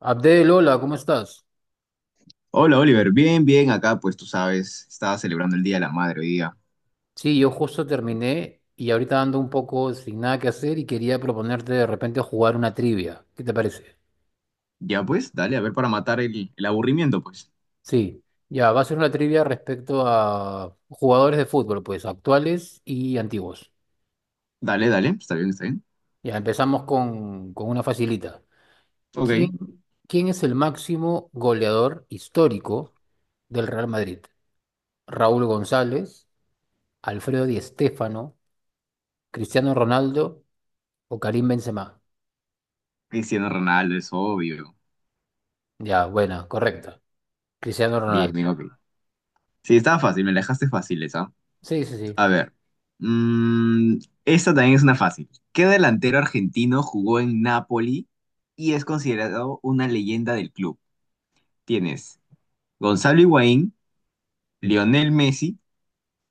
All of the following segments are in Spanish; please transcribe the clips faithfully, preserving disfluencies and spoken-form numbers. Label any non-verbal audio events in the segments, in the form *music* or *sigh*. Abdel, hola, ¿cómo estás? Hola Oliver, bien, bien, acá pues tú sabes, estaba celebrando el Día de la Madre hoy día. Sí, yo justo terminé y ahorita ando un poco sin nada que hacer y quería proponerte de repente jugar una trivia. ¿Qué te parece? Ya pues, dale, a ver para matar el, el aburrimiento pues. Sí, ya, va a ser una trivia respecto a jugadores de fútbol, pues actuales y antiguos. Dale, dale, está bien, está bien. Ya, empezamos con, con una facilita. Ok, ¿Quién, quién es el máximo goleador histórico del Real Madrid? ¿Raúl González, Alfredo Di Stéfano, Cristiano Ronaldo o Karim Benzema? Cristiano Ronaldo es obvio. Ya, buena, correcta. Cristiano Bien, bien, Ronaldo. ok. Sí, estaba fácil, me la dejaste fácil esa. Sí, sí, sí. A ver, mm, esta también es una fácil. ¿Qué delantero argentino jugó en Napoli y es considerado una leyenda del club? Tienes Gonzalo Higuaín, Mm. Lionel Messi,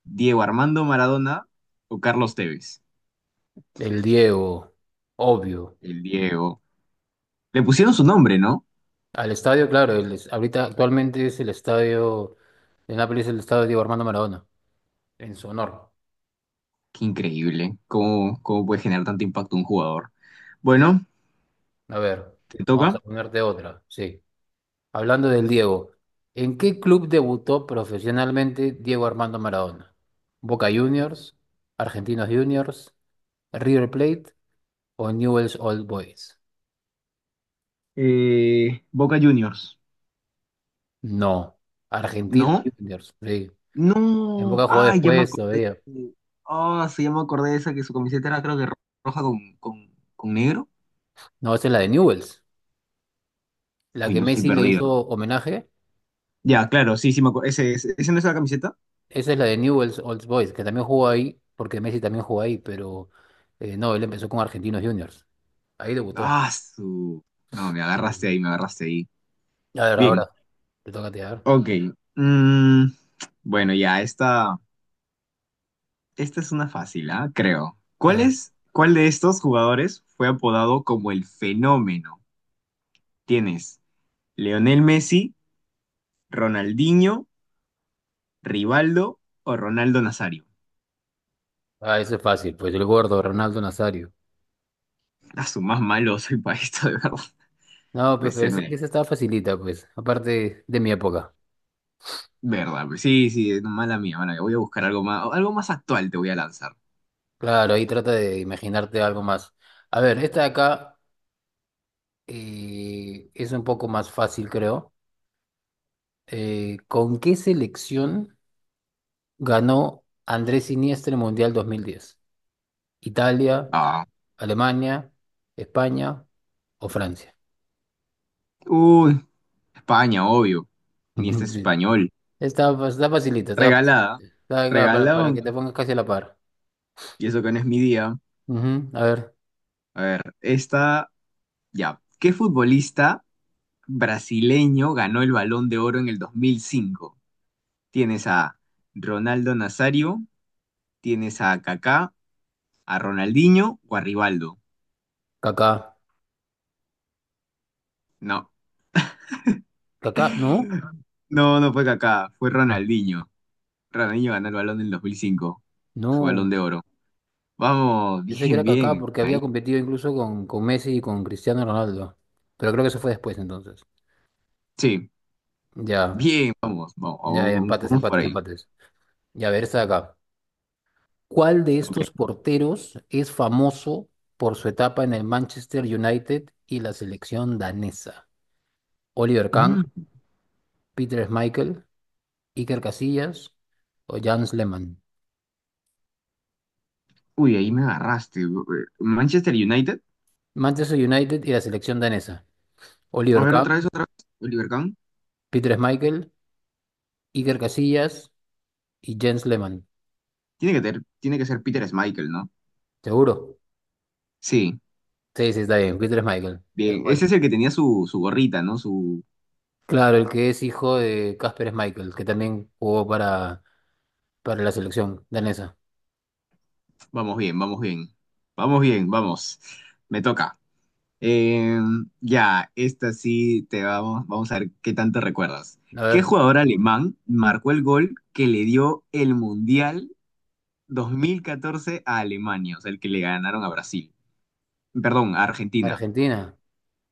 Diego Armando Maradona o Carlos Tevez. El Diego, obvio. El Diego. Le pusieron su nombre, ¿no? Al estadio, claro, el es- ahorita actualmente es el estadio, en Nápoles es el estadio Diego Armando Maradona, en su honor. Qué increíble. ¿Cómo, cómo puede generar tanto impacto un jugador? Bueno, A ver, te vamos a toca. ponerte otra, sí. Hablando del Diego, ¿en qué club debutó profesionalmente Diego Armando Maradona? ¿Boca Juniors, Argentinos Juniors, River Plate o Newell's Old Boys? Eh, Boca Juniors. No, Argentinos ¿No? Juniors, sí. En No. Boca jugó Ay, ya me después acordé. todavía. Ah, sí, ya me acordé de esa que su camiseta era creo que ro- roja con, con, con negro. No, esa es la de Newell's. La Uy, que no estoy Messi le perdido. hizo homenaje, Ya, claro, sí, sí me acuerdo. ¿Ese, ese, ese no es la camiseta? esa es la de Newell's Old Boys, que también jugó ahí, porque Messi también jugó ahí, pero eh, no, él empezó con Argentinos Juniors. Ahí debutó. Ah, su. No, me agarraste Sí. ahí, me agarraste ahí. A ver, Bien, ahora, te toca a ti, a ver. ok. Mm, bueno, ya, esta. Esta es una fácil, ¿ah? Creo. A ¿Cuál ver. es, cuál de estos jugadores fue apodado como el fenómeno? ¿Tienes Leonel Messi, Ronaldinho, Rivaldo o Ronaldo Nazario? Ah, eso es fácil, pues el gordo, Ronaldo Nazario. A su más malo soy para esto, de verdad. No, pues Puede pero ser, ese- mira, esa estaba facilita, pues, aparte de mi época. verdad. Pues sí, sí, mala mía, mala mía. Voy a buscar algo más, algo más actual te voy a lanzar. Claro, ahí trata de imaginarte algo más. A ver, esta de acá eh, es un poco más fácil, creo. Eh, ¿con qué selección ganó Andrés Iniesta el Mundial dos mil diez? Italia, Ah. Alemania, España o Francia. Uy, España, obvio. Ni este *laughs* español. Está, fa- está facilita, está, fa- Regalada. está acá para, para que te Regalón. pongas casi a la par. Y eso que no es mi día. Ujú. A ver, A ver, esta. Ya. ¿Qué futbolista brasileño ganó el Balón de Oro en el dos mil cinco. Tienes a Ronaldo Nazario, tienes a Kaká, a Ronaldinho o a Rivaldo. Kaká. No, Kaká, no, *laughs* no, no fue Kaká, fue Ronaldinho. Ronaldinho ganó el Balón en el dos mil cinco, su Balón de no. Oro. Vamos, *laughs* Yo sé que bien, era Kaká bien, porque ahí. había competido incluso con, con Messi y con Cristiano Ronaldo. Pero creo que eso fue después entonces. Sí, Ya, bien, vamos, vamos, ya, ya, vamos, empates, vamos por empates, ahí. empates. Ya, a ver, esta de acá. ¿Cuál de Ok. estos porteros es famoso por su etapa en el Manchester United y la selección danesa? Oliver Kahn, Mm, Peter Schmeichel, Iker Casillas o Jens Lehmann. uy, ahí me agarraste. Manchester United. Manchester United y la selección danesa. A Oliver ver, Kahn, otra vez, otra vez. Oliver Kahn. Peter Schmeichel, Iker Casillas y Jens Lehmann. Tiene que, ter- tiene que ser Peter Schmeichel, ¿no? ¿Seguro? Sí, Sí, sí, está bien. Peter Schmeichel. Tal bien. cual. Ese es el que tenía su, su gorrita, ¿no? Su... Claro, el que es hijo de Kasper Schmeichel, que también jugó para, para la selección danesa. Vamos bien, vamos bien. Vamos bien, vamos. Me toca. Eh, ya, esta sí te vamos. Vamos a ver qué tanto recuerdas. A ¿Qué ver, jugador alemán marcó el gol que le dio el Mundial dos mil catorce a Alemania? O sea, el que le ganaron a Brasil. Perdón, a Argentina. Argentina.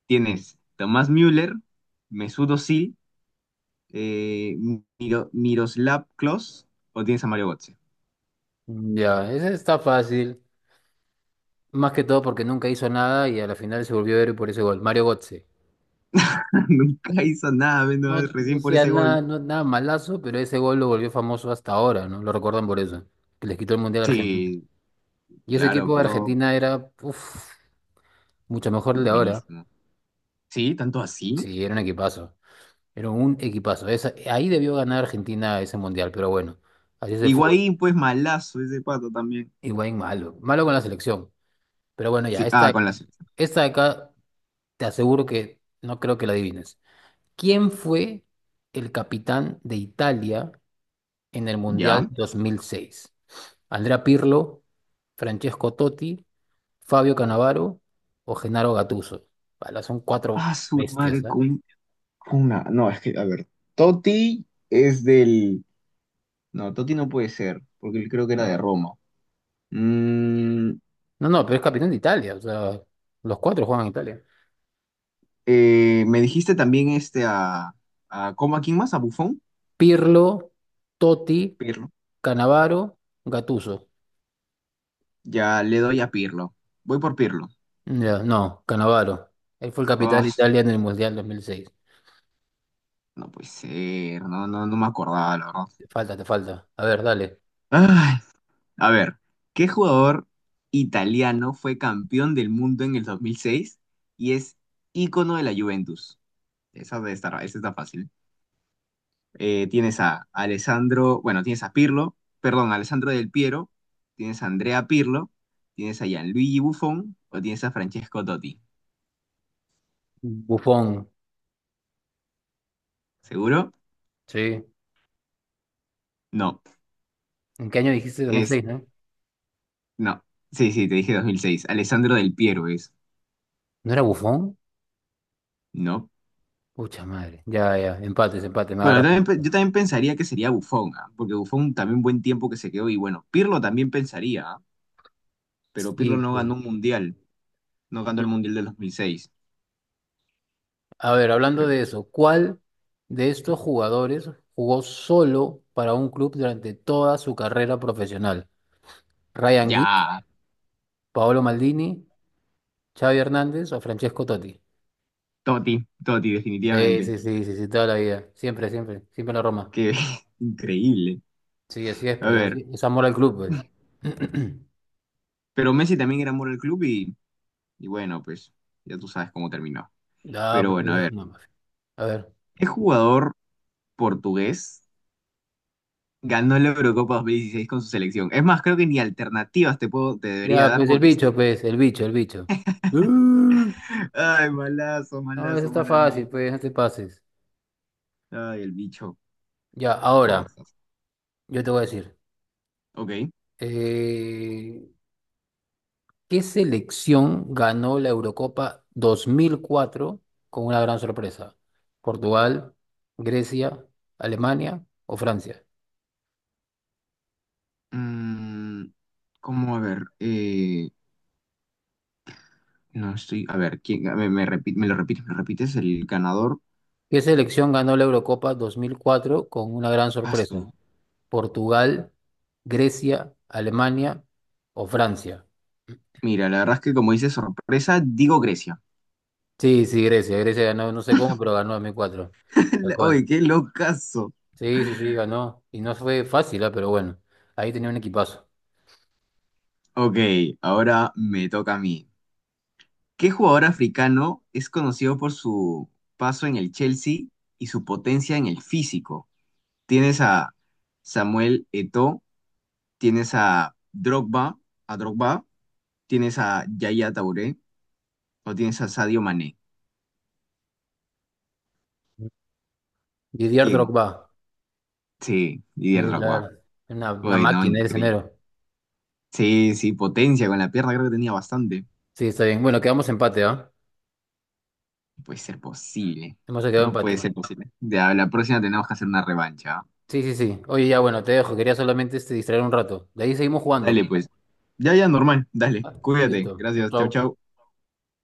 Tienes Tomás Müller, Mesut Özil, eh, Miro- Miroslav Klose o tienes a Mario Götze. Ya, ese está fácil. Más que todo porque nunca hizo nada y a la final se volvió héroe por ese gol. Mario Götze. *laughs* Nunca hizo nada, No, menos no recién por sea ese nada, gol. no, nada malazo, pero ese gol lo volvió famoso hasta ahora, ¿no? Lo recuerdan por eso. Que les quitó el Mundial a Argentina. Sí, Y ese claro, equipo de pero Argentina era, uf, mucho mejor el de ahora. buenísimo. Sí, tanto así. Sí, era un equipazo. Era un equipazo. Esa- ahí debió ganar Argentina ese Mundial, pero bueno, así es el fútbol. Higuaín, pues malazo ese pato también. Igual malo. Malo con la selección. Pero bueno, ya, Sí, ah, esta, con la selección. esta de acá te aseguro que no creo que la adivines. ¿Quién fue el capitán de Italia en el Mundial ¿Ya? dos mil seis? ¿Andrea Pirlo, Francesco Totti, Fabio Cannavaro o Gennaro Gattuso? Pala, son cuatro Ah, su bestias, madre ¿ah? con, con una. No, es que, a ver. Totti es del. No, Totti no puede ser, porque él creo que era de Roma. Mm, No, no, pero es capitán de Italia, o sea, los cuatro juegan en Italia. eh, me dijiste también este a. A ¿cómo a quién más? ¿A Buffon? Pirlo, Totti, Pirlo. Cannavaro, Gattuso. Ya le doy a Pirlo. Voy por Pirlo. Ya, no, Cannavaro. Él fue el capitán Ah, de Italia en el Mundial dos mil seis. no puede ser, no, no, no me acordaba, la verdad. Te falta, te falta. A ver, dale. Ay, a ver, ¿qué jugador italiano fue campeón del mundo en el dos mil seis y es ícono de la Juventus? Esa debe estar, esa está fácil. Eh, tienes a Alessandro, bueno, tienes a Pirlo, perdón, Alessandro Del Piero, tienes a Andrea Pirlo, tienes a Gianluigi Buffon o tienes a Francesco Totti. Bufón, ¿Seguro? sí. No, ¿En qué año dijiste es, dos mil seis, no? no. Sí, sí, te dije dos mil seis. Alessandro Del Piero es, ¿No era Bufón? ¿no? Pucha madre. Ya, ya. Empates, empate. Me Bueno, yo agarras. también, pe- yo también pensaría que sería Buffon, ¿ah? Porque Buffon también buen tiempo que se quedó y bueno, Pirlo también pensaría, ¿ah? Pero Pirlo Sí, no pues. ganó un mundial, no ganó el No. mundial del dos mil seis, A ver, hablando creo. de eso, ¿cuál de estos jugadores jugó solo para un club durante toda su carrera profesional? ¿Ryan Giggs, Ya, Paolo Maldini, Xavi Hernández o Francesco Totti? Totti, Totti Sí, definitivamente, sí, sí, sí, sí, toda la vida. Siempre, siempre. Siempre en la Roma. que *laughs* increíble. Sí, así es, A pues. ver, Así, es amor al club, pues. *clears throat* pero Messi también era amor al club y, y bueno, pues ya tú sabes cómo terminó. Ah, Pero pues, bueno, a eso es ver, una mafia. A ver. ¿qué jugador portugués ganó la Eurocopa dos mil dieciséis con su selección? Es más, creo que ni alternativas te puedo, te debería Ya, dar pues el porque... bicho, pues, el bicho, el bicho. ¡Ah! *laughs* Ay, malazo, No, eso malazo, está mal fácil, amigo. pues no te pases. Ay, el bicho, Ya, ahora, cosas. yo te voy a decir, Ok. eh, ¿qué selección ganó la Eurocopa dos mil cuatro con una gran sorpresa? ¿Portugal, Grecia, Alemania o Francia? Mm, ¿cómo? A ver, eh, no estoy. A ver, ¿quién? A ver, me, repi- me lo repites, me lo repites, el ganador. ¿Qué selección ganó la Eurocopa dos mil cuatro con una gran sorpresa? Paso. ¿Portugal, Grecia, Alemania o Francia? Mira, la verdad es que como dice sorpresa, digo Grecia. Sí, sí, Grecia. Grecia ganó, no sé cómo, pero ganó dos mil cuatro. Tal *laughs* Oye, cual. qué locazo. Sí, sí, sí, ganó. Y no fue fácil, ah. Pero bueno, ahí tenía un equipazo. Ok, ahora me toca a mí. ¿Qué jugador africano es conocido por su paso en el Chelsea y su potencia en el físico? Tienes a Samuel Eto'o, tienes a Drogba, a Drogba, tienes a Yaya Touré o tienes a Sadio Mané. Didier ¿Quién? Drogba, Sí, Didier eh, Drogba. claro, una, una Bueno, máquina el increíble. enero. Sí, sí, potencia con la pierna creo que tenía bastante. Sí, está bien. Bueno, quedamos empate, ¿ah? No puede ser posible. Hemos quedado No puede empate. ser posible. Ya, la próxima tenemos que hacer una revancha. ¿Ah? Sí, sí, sí. Oye, ya, bueno, te dejo. Quería solamente este, distraer un rato. De ahí seguimos jugando. Dale, pues. Ya, ya, normal. Dale, Ah, listo. cuídate. Chau, Gracias. Chau, chau. chau.